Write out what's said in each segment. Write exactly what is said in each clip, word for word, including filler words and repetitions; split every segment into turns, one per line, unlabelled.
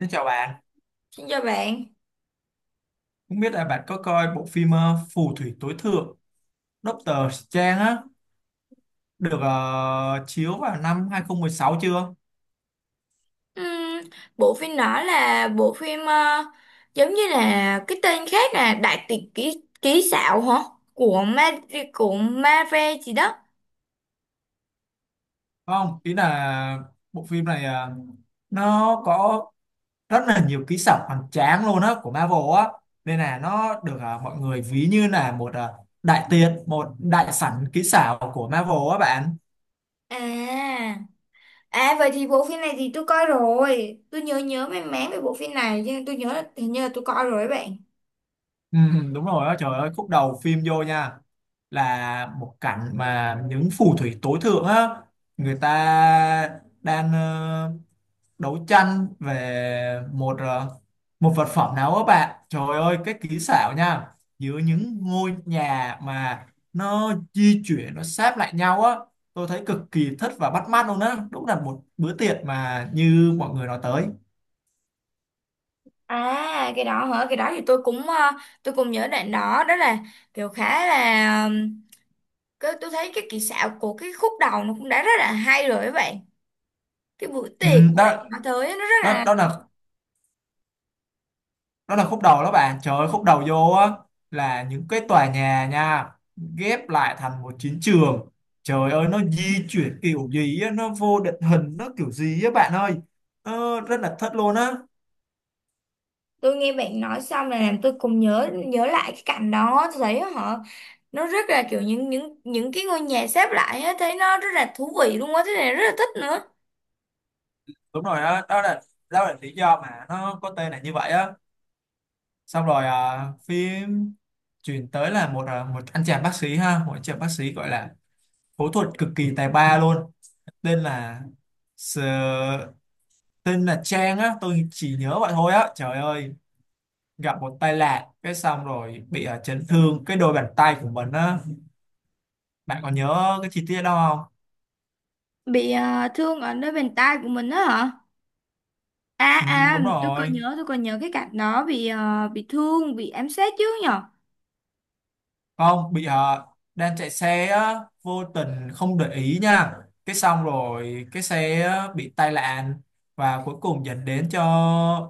Xin chào bạn,
Xin chào bạn.
không biết là bạn có coi bộ phim ờ, Phù thủy tối thượng Doctor Strange á được ờ, chiếu vào năm hai không một sáu chưa?
Ừm, Bộ phim đó là bộ phim ờ, giống như là cái tên khác là Đại tiệc ký ký xạo hả? Của Ma của Marvel gì đó.
Không, ý là bộ phim này ờ, nó có rất là nhiều kỹ xảo hoành tráng luôn á của Marvel á nên là nó được ờ, mọi người ví như là một ờ, đại tiệc, một đại sảnh kỹ xảo của Marvel á bạn.
À, à vậy thì bộ phim này thì tôi coi rồi. Tôi nhớ nhớ mang máng về bộ phim này, nhưng tôi nhớ là hình như là tôi coi rồi đấy bạn.
Ừ, ừ, đúng rồi á, trời ơi khúc đầu phim vô nha là một cảnh mà những phù thủy tối thượng á, người ta đang ờ, đấu tranh về một ờ, một vật phẩm nào á bạn, trời ơi cái kỹ xảo nha, giữa những ngôi nhà mà nó di chuyển, nó sáp lại nhau á. Tôi thấy cực kỳ thích và bắt mắt luôn á, đúng là một bữa tiệc mà như mọi người nói tới.
À cái đó hả? Cái đó thì tôi cũng ờ, tôi cũng nhớ đoạn đó, đó là kiểu khá là ừm, cái tôi thấy cái kỹ xảo của cái khúc đầu nó cũng đã rất là hay rồi các bạn. Cái bữa
Ừ,
tiệc mà bạn
đó
nói tới á, nó rất
đó
là
đó là đó là khúc đầu đó bạn, trời ơi khúc đầu vô á là những cái tòa nhà nha, ghép lại thành một chiến trường. Trời ơi nó di chuyển kiểu gì á, nó vô định hình, nó kiểu gì á bạn ơi, ờ, rất là thất luôn á.
tôi nghe bạn nói xong là làm tôi cùng nhớ nhớ lại cái cảnh đó. Tôi thấy họ, nó rất là kiểu những những những cái ngôi nhà xếp lại á, thấy nó rất là thú vị luôn á, thế này rất là thích nữa.
Đúng rồi, đó đó là đó là lý do mà nó có tên là như vậy á. Xong rồi à, phim chuyển tới là một à, một anh chàng bác sĩ ha, một anh chàng bác sĩ gọi là phẫu thuật cực kỳ tài ba luôn, tên là Sờ- tên là Trang á, tôi chỉ nhớ vậy thôi á, trời ơi gặp một tai nạn cái xong rồi bị ờ, chấn thương cái đôi bàn tay của mình á. Bạn còn nhớ cái chi tiết đó không?
Bị ờ, thương ở nơi bàn tay của mình á hả? À
Ừ,
à,
đúng
tôi còn
rồi,
nhớ tôi còn nhớ cái cảnh đó, bị ờ, bị thương, bị ám sát chứ nhở.
không bị ờ, đang chạy xe á, vô tình không để ý nha, cái xong rồi cái xe á, bị tai nạn và cuối cùng dẫn đến cho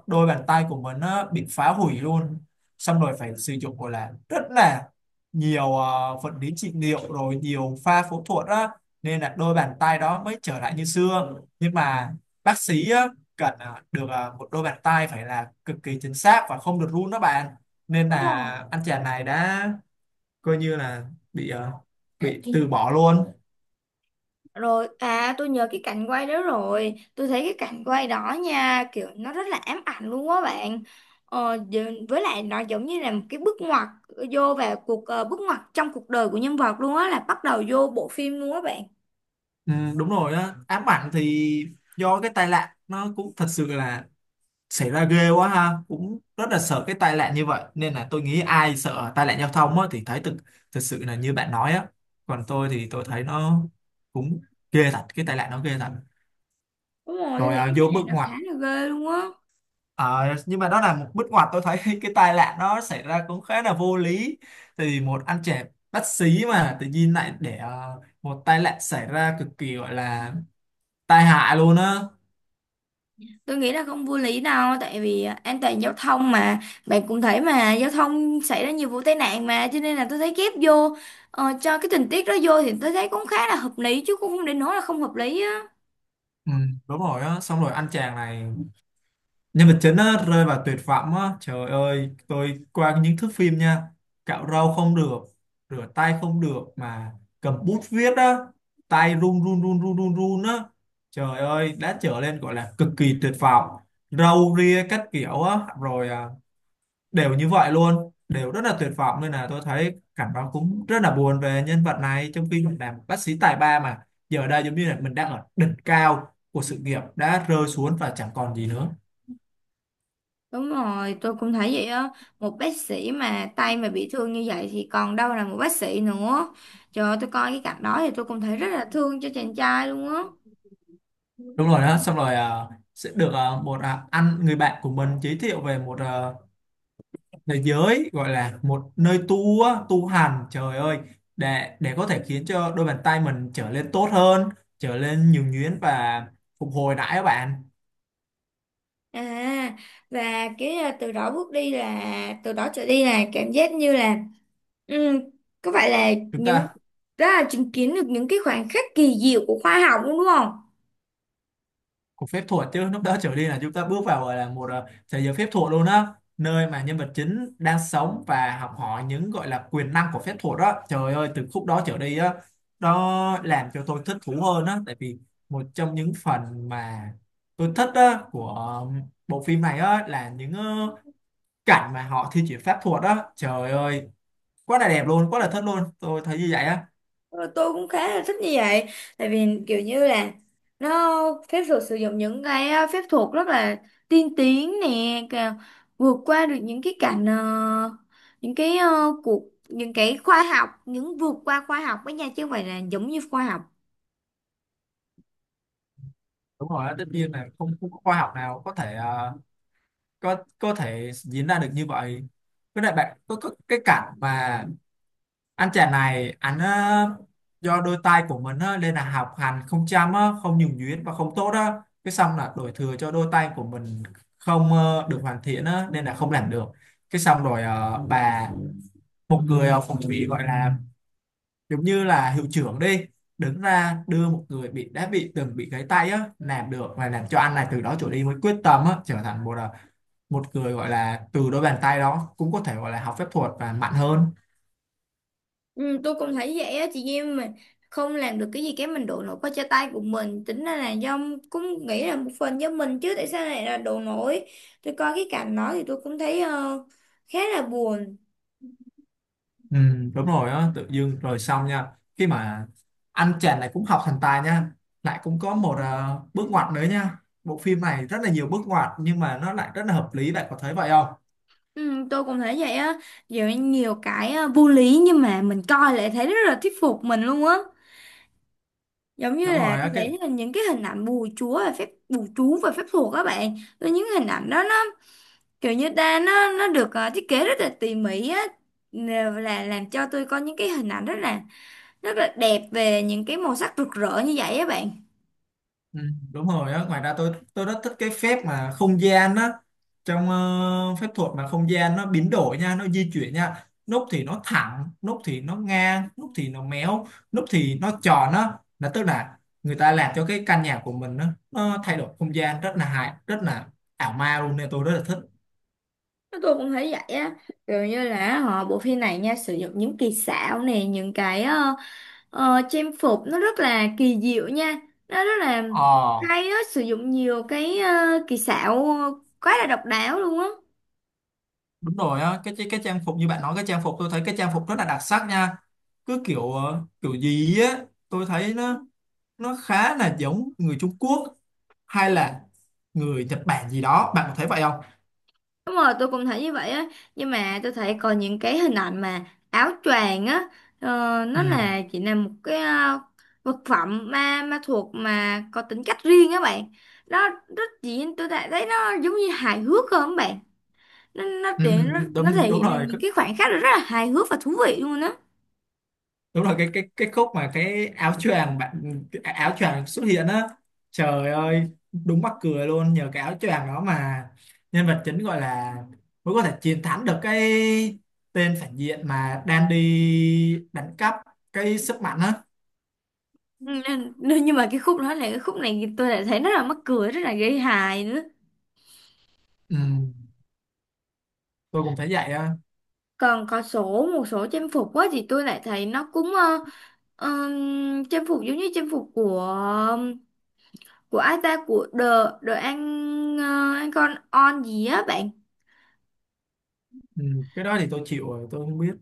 đôi bàn tay của mình á, bị phá hủy luôn. Xong rồi phải sử dụng gọi là rất là nhiều ờ, vật lý trị liệu rồi nhiều pha phẫu thuật á, nên là đôi bàn tay đó mới trở lại như xưa. Nhưng mà bác sĩ á, cần ờ, được ờ, một đôi bàn tay phải là cực kỳ chính xác và không được run đó bạn, nên
Đúng
là
rồi.
anh chàng này đã coi như là bị ờ, bị từ bỏ luôn.
Rồi, à tôi nhớ cái cảnh quay đó rồi. Tôi thấy cái cảnh quay đó nha, kiểu nó rất là ám ảnh luôn á bạn. ờ, giờ- Với lại nó giống như là một cái bước ngoặt, ờ, vô vào cuộc ờ, bước ngoặt trong cuộc đời của nhân vật luôn á, là bắt đầu vô bộ phim luôn á bạn.
Ừ, đúng rồi á, ám ảnh thì do cái tai nạn nó cũng thật sự là xảy ra ghê quá ha, cũng rất là sợ cái tai nạn như vậy nên là tôi nghĩ ai sợ tai nạn giao thông á, thì thấy thực, thật sự là như bạn nói á. Còn tôi thì tôi thấy nó cũng ghê thật, cái tai nạn nó ghê thật.
Đúng rồi, tôi
Rồi
thấy
à,
cái
vô
này
bước
nó
ngoặt.
khá là ghê luôn á.
Ờ, nhưng mà đó là một bước ngoặt, tôi thấy cái tai nạn nó xảy ra cũng khá là vô lý, thì một anh trẻ bất xí mà tự nhiên lại để ờ, một tai nạn xảy ra cực kỳ gọi là tai hại luôn á.
Tôi nghĩ là không vô lý đâu. Tại vì à, an toàn giao thông mà. Bạn cũng thấy mà giao thông xảy ra nhiều vụ tai nạn mà, cho nên là tôi thấy ghép vô, ờ, cho cái tình tiết đó vô thì tôi thấy cũng khá là hợp lý, chứ cũng không đến nỗi là không hợp lý á.
Ừ, đúng rồi á, xong rồi anh chàng này, nhân vật chính á, rơi vào tuyệt vọng á, trời ơi tôi qua những thước phim nha, cạo râu không được, rửa tay không được mà cầm bút viết á, tay run run run run run run á, trời ơi đã trở lên gọi là cực kỳ tuyệt vọng, râu ria các kiểu á rồi à, đều như vậy luôn, đều rất là tuyệt vọng, nên là tôi thấy cảnh báo cũng rất là buồn về nhân vật này, trong khi mình làm bác sĩ tài ba mà giờ đây giống như là mình đang ở đỉnh cao của sự nghiệp đã rơi xuống và chẳng còn gì nữa.
Đúng rồi, tôi cũng thấy vậy á. Một bác sĩ mà tay mà bị thương như vậy thì còn đâu là một bác sĩ nữa. Trời ơi, tôi coi cái cảnh đó thì tôi cũng thấy rất là thương cho chàng trai luôn á.
Đúng rồi đó, xong rồi à, sẽ được à, một à, anh người bạn của mình giới thiệu về một à, thế giới gọi là một nơi tu á, tu hành, trời ơi để để có thể khiến cho đôi bàn tay mình trở lên tốt hơn, trở lên nhuần nhuyễn và phục hồi lại các bạn.
À, và cái à, từ đó bước đi là, từ đó trở đi là cảm giác như là, ừ, có phải là
Chúng
những,
ta
đó là chứng kiến được những cái khoảnh khắc kỳ diệu của khoa học luôn đúng không?
cuộc phép thuật chứ lúc đó trở đi là chúng ta bước vào gọi là một ờ, thế giới phép thuật luôn á, nơi mà nhân vật chính đang sống và học hỏi những gọi là quyền năng của phép thuật đó, trời ơi từ khúc đó trở đi á, nó làm cho tôi thích thú hơn á, tại vì một trong những phần mà tôi thích á của ờ, bộ phim này á là những ờ, cảnh mà họ thi triển pháp thuật á, trời ơi quá là đẹp luôn, quá là thích luôn, tôi thấy như vậy á.
Ờ, tôi cũng khá là thích như vậy, tại vì kiểu như là nó phép thuật sử dụng những cái ờ, phép thuật rất là tiên tiến nè, cả- vượt qua được những cái cảnh ờ, những cái ờ, cuộc những cái khoa học, những vượt qua khoa học với nhau chứ không phải là giống như khoa học.
Đúng rồi á, tất nhiên là không, không có khoa học nào có thể ờ, có có thể diễn ra được như vậy. Với lại bạn có, có cái cảnh mà anh chàng này, anh ờ, do đôi tay của mình á, nên là học hành không chăm á, không nhuần nhuyễn và không tốt á, cái xong là đổ thừa cho đôi tay của mình không ờ, được hoàn thiện á, nên là không làm được. Cái xong rồi ờ, bà, một người ờ, phong thủy gọi là giống như là hiệu trưởng đi, đứng ra đưa một người bị đã bị từng bị gãy tay á làm được và làm cho anh này từ đó trở đi với quyết tâm á trở thành một à, một người gọi là từ đôi bàn tay đó cũng có thể gọi là học phép thuật và mạnh hơn.
Ừ, tôi cũng thấy vậy á. Chị em mình không làm được cái gì cái mình đổ lỗi qua cho tay của mình, tính ra là do cũng nghĩ là một phần do mình chứ tại sao lại là đổ lỗi. Tôi coi cái cảnh đó thì tôi cũng thấy ờ, khá là buồn.
Ừ, đúng rồi á, tự dưng rồi xong nha, khi mà anh chàng này cũng học thành tài nha, lại cũng có một ờ, bước ngoặt nữa nha, bộ phim này rất là nhiều bước ngoặt nhưng mà nó lại rất là hợp lý. Bạn có thấy vậy không?
Ừ, tôi cũng thấy vậy á. Giờ nhiều cái à, vô lý nhưng mà mình coi lại thấy rất là thuyết phục mình luôn á, giống như
Đúng
là
rồi
tôi
á cái.
thấy là những cái hình ảnh bùa chúa và phép bùa chú và phép thuật các bạn, tôi những hình ảnh đó nó kiểu như ta, nó nó được à, thiết kế rất là tỉ mỉ á. Nè, là làm cho tôi có những cái hình ảnh rất là rất là đẹp về những cái màu sắc rực rỡ như vậy á bạn.
Ừ, đúng rồi á, ngoài ra tôi tôi rất thích cái phép mà không gian á, trong ờ, phép thuật mà không gian nó biến đổi nha, nó di chuyển nha, nút thì nó thẳng, nút thì nó ngang, nút thì nó méo, nút thì nó tròn á, là tức là người ta làm cho cái căn nhà của mình á, nó thay đổi không gian rất là hài, rất là ảo ma luôn nên tôi rất là thích.
Tôi cũng thấy vậy á, kiểu như là họ bộ phim này nha sử dụng những kỳ xảo này, những cái à, ờ, trang phục nó rất là kỳ diệu nha, nó rất là
ờ
hay á, sử dụng nhiều cái ờ, kỳ xảo quá là độc đáo luôn á.
Đúng rồi á, cái, cái cái trang phục như bạn nói, cái trang phục tôi thấy cái trang phục rất là đặc sắc nha, cứ kiểu ờ, kiểu gì á tôi thấy nó nó khá là giống người Trung Quốc hay là người Nhật Bản gì đó. Bạn có thấy vậy không?
Đúng rồi tôi cũng thấy như vậy á, nhưng mà tôi thấy còn những cái hình ảnh mà áo choàng á, ờ,
ừ,
nó là chỉ là một cái ờ, vật phẩm ma ma thuộc mà có tính cách riêng á bạn. Nó rất chỉ tôi đã thấy nó giống như hài hước không bạn? nó nó
ừ
thể nó,
ừ,
nó
đúng
thể
đúng
hiện được
rồi
những cái khoảnh khắc rất là hài hước và thú vị luôn á.
Đúng là cái cái cái khúc mà cái áo choàng bạn, cái áo choàng xuất hiện á, trời ơi đúng mắc cười luôn, nhờ cái áo choàng đó mà nhân vật chính gọi là mới có thể chiến thắng được cái tên phản diện mà đang đi đánh cắp cái sức mạnh á.
Ừ, nên, nên nhưng mà cái khúc đó là cái khúc này tôi lại thấy rất là mắc cười, rất là gây hài nữa.
Ừ, tôi cũng thấy vậy á.
Còn có số một số trang phục quá thì tôi lại thấy nó cũng ờ, ờm, trang phục giống như trang phục của của ai ta, của The The An ờ, An con on gì á bạn.
Ừ, cái đó thì tôi chịu rồi, tôi không biết.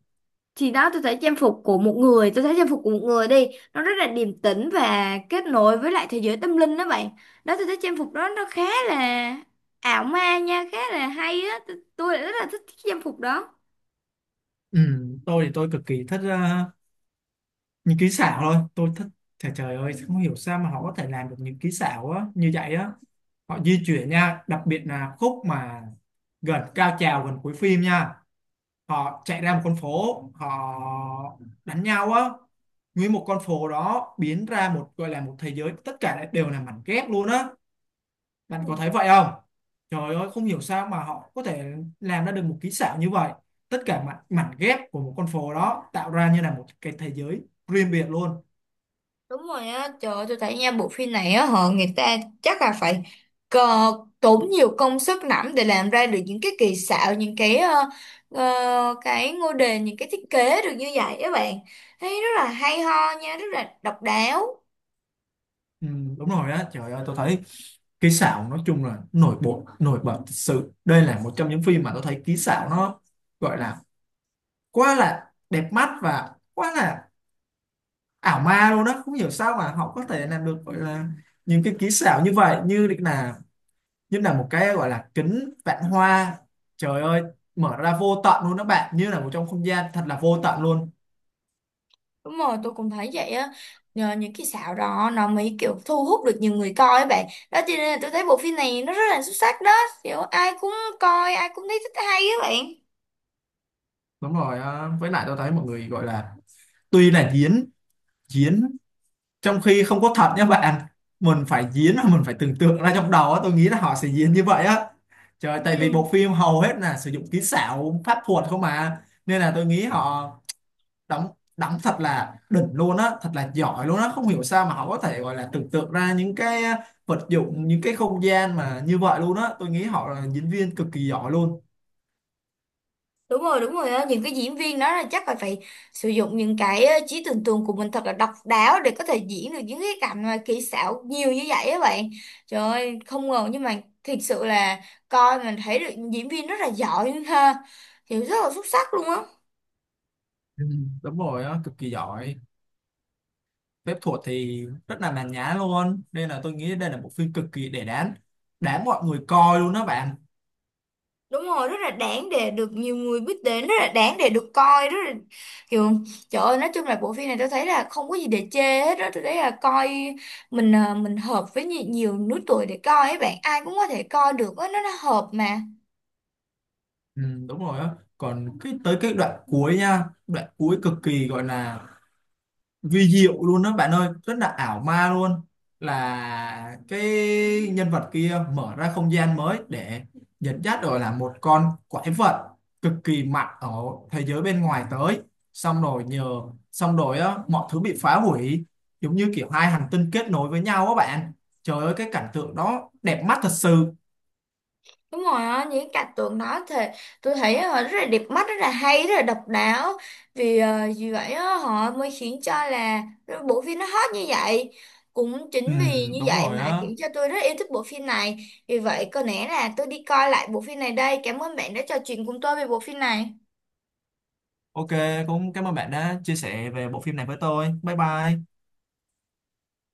Thì đó tôi thấy trang phục của một người, tôi thấy trang phục của một người đi nó rất là điềm tĩnh và kết nối với lại thế giới tâm linh đó bạn. Đó tôi thấy trang phục đó nó khá là ảo ma nha, khá là hay á, tôi, tôi lại rất là thích cái trang phục đó.
Ừ, tôi thì tôi cực kỳ thích ờ, những kỹ xảo thôi, tôi thích, trời trời ơi không hiểu sao mà họ có thể làm được những kỹ xảo á như vậy á. Họ di chuyển nha, đặc biệt là khúc mà gần cao trào gần cuối phim nha, họ chạy ra một con phố, họ đánh nhau á, nguyên một con phố đó biến ra một gọi là một thế giới, tất cả lại đều là mảnh ghép luôn á. Bạn
Ừ,
có thấy vậy không? Trời ơi không hiểu sao mà họ có thể làm ra được một kỹ xảo như vậy, tất cả mảnh, mảnh ghép của một con phố đó tạo ra như là một cái thế giới riêng biệt luôn.
đúng rồi á, trời ơi, tôi thấy nha bộ phim này á họ người ta chắc là phải cờ, tốn nhiều công sức lắm để làm ra được những cái kỳ xạo, những cái ờ, ờ, cái ngôi đền, những cái thiết kế được như vậy các bạn. Thấy rất là hay ho nha, rất là độc đáo.
Ừ, đúng rồi á, trời ơi tôi thấy kỹ xảo nói chung là nổi bật, nổi bật thật sự, đây là một trong những phim mà tôi thấy kỹ xảo nó gọi là quá là đẹp mắt và quá là ảo ma luôn đó, không hiểu sao mà họ có thể làm được gọi là những cái kỹ xảo như vậy, như là như là một cái gọi là kính vạn hoa, trời ơi mở ra vô tận luôn đó bạn, như là một trong không gian thật là vô tận luôn.
Đúng rồi, tôi cũng thấy vậy á. Nhờ những cái xạo đó nó mới kiểu thu hút được nhiều người coi các bạn. Đó cho nên là tôi thấy bộ phim này nó rất là xuất sắc đó. Kiểu ai cũng coi, ai cũng thấy thích hay các bạn.
Đúng rồi, ờ, với lại tôi thấy mọi người gọi là tuy là diễn diễn trong khi không có thật nha bạn, mình phải diễn và mình phải tưởng tượng ra trong đầu á, tôi nghĩ là họ sẽ diễn như vậy á, trời tại vì
Ừ.
bộ phim hầu hết là sử dụng kỹ xảo pháp thuật không mà, nên là tôi nghĩ họ đóng đóng thật là đỉnh luôn á, thật là giỏi luôn á, không hiểu sao mà họ có thể gọi là tưởng tượng ra những cái vật dụng, những cái không gian mà như vậy luôn á, tôi nghĩ họ là diễn viên cực kỳ giỏi luôn.
đúng rồi đúng rồi á, những cái diễn viên đó là chắc là phải sử dụng những cái ờ, trí tưởng tượng của mình thật là độc đáo để có thể diễn được những cái cảnh mà kỹ xảo nhiều như vậy á bạn. Trời ơi không ngờ, nhưng mà thiệt sự là coi mình thấy được diễn viên rất là giỏi ha, hiểu rất là xuất sắc luôn á.
Ừ, đúng rồi á, cực kỳ giỏi, phép thuật thì rất là màn nhã luôn, nên là tôi nghĩ đây là một phim cực kỳ để đáng, đáng mọi người coi luôn đó bạn.
Đúng rồi, rất là đáng để được nhiều người biết đến, rất là đáng để được coi, rất là kiểu trời ơi, nói chung là bộ phim này tôi thấy là không có gì để chê hết đó. Tôi thấy là coi mình à, mình hợp với nhi- nhiều lứa tuổi để coi ấy bạn, ai cũng có thể coi được á, nó, nó hợp mà.
Ừ, đúng rồi á, còn cái tới cái đoạn cuối nha, đoạn cuối cực kỳ gọi là vi diệu luôn đó bạn ơi, rất là ảo ma luôn, là cái nhân vật kia mở ra không gian mới để dẫn dắt rồi là một con quái vật cực kỳ mạnh ở thế giới bên ngoài tới, xong rồi nhờ xong rồi á, mọi thứ bị phá hủy, giống như kiểu hai hành tinh kết nối với nhau á bạn, trời ơi cái cảnh tượng đó đẹp mắt thật sự.
Đúng rồi á, những cái cảnh tượng đó thì tôi thấy họ rất là đẹp mắt, rất là hay, rất là độc đáo. Vì ờ, vì vậy á, họ mới khiến cho là bộ phim nó hot như vậy. Cũng
Ừ,
chính vì như
đúng
vậy
rồi
mà
á.
khiến cho tôi rất yêu thích bộ phim này. Vì vậy có lẽ là tôi đi coi lại bộ phim này đây. Cảm ơn bạn đã trò chuyện cùng tôi về bộ phim này.
OK, cũng cảm ơn bạn đã chia sẻ về bộ phim này với tôi, bye bye.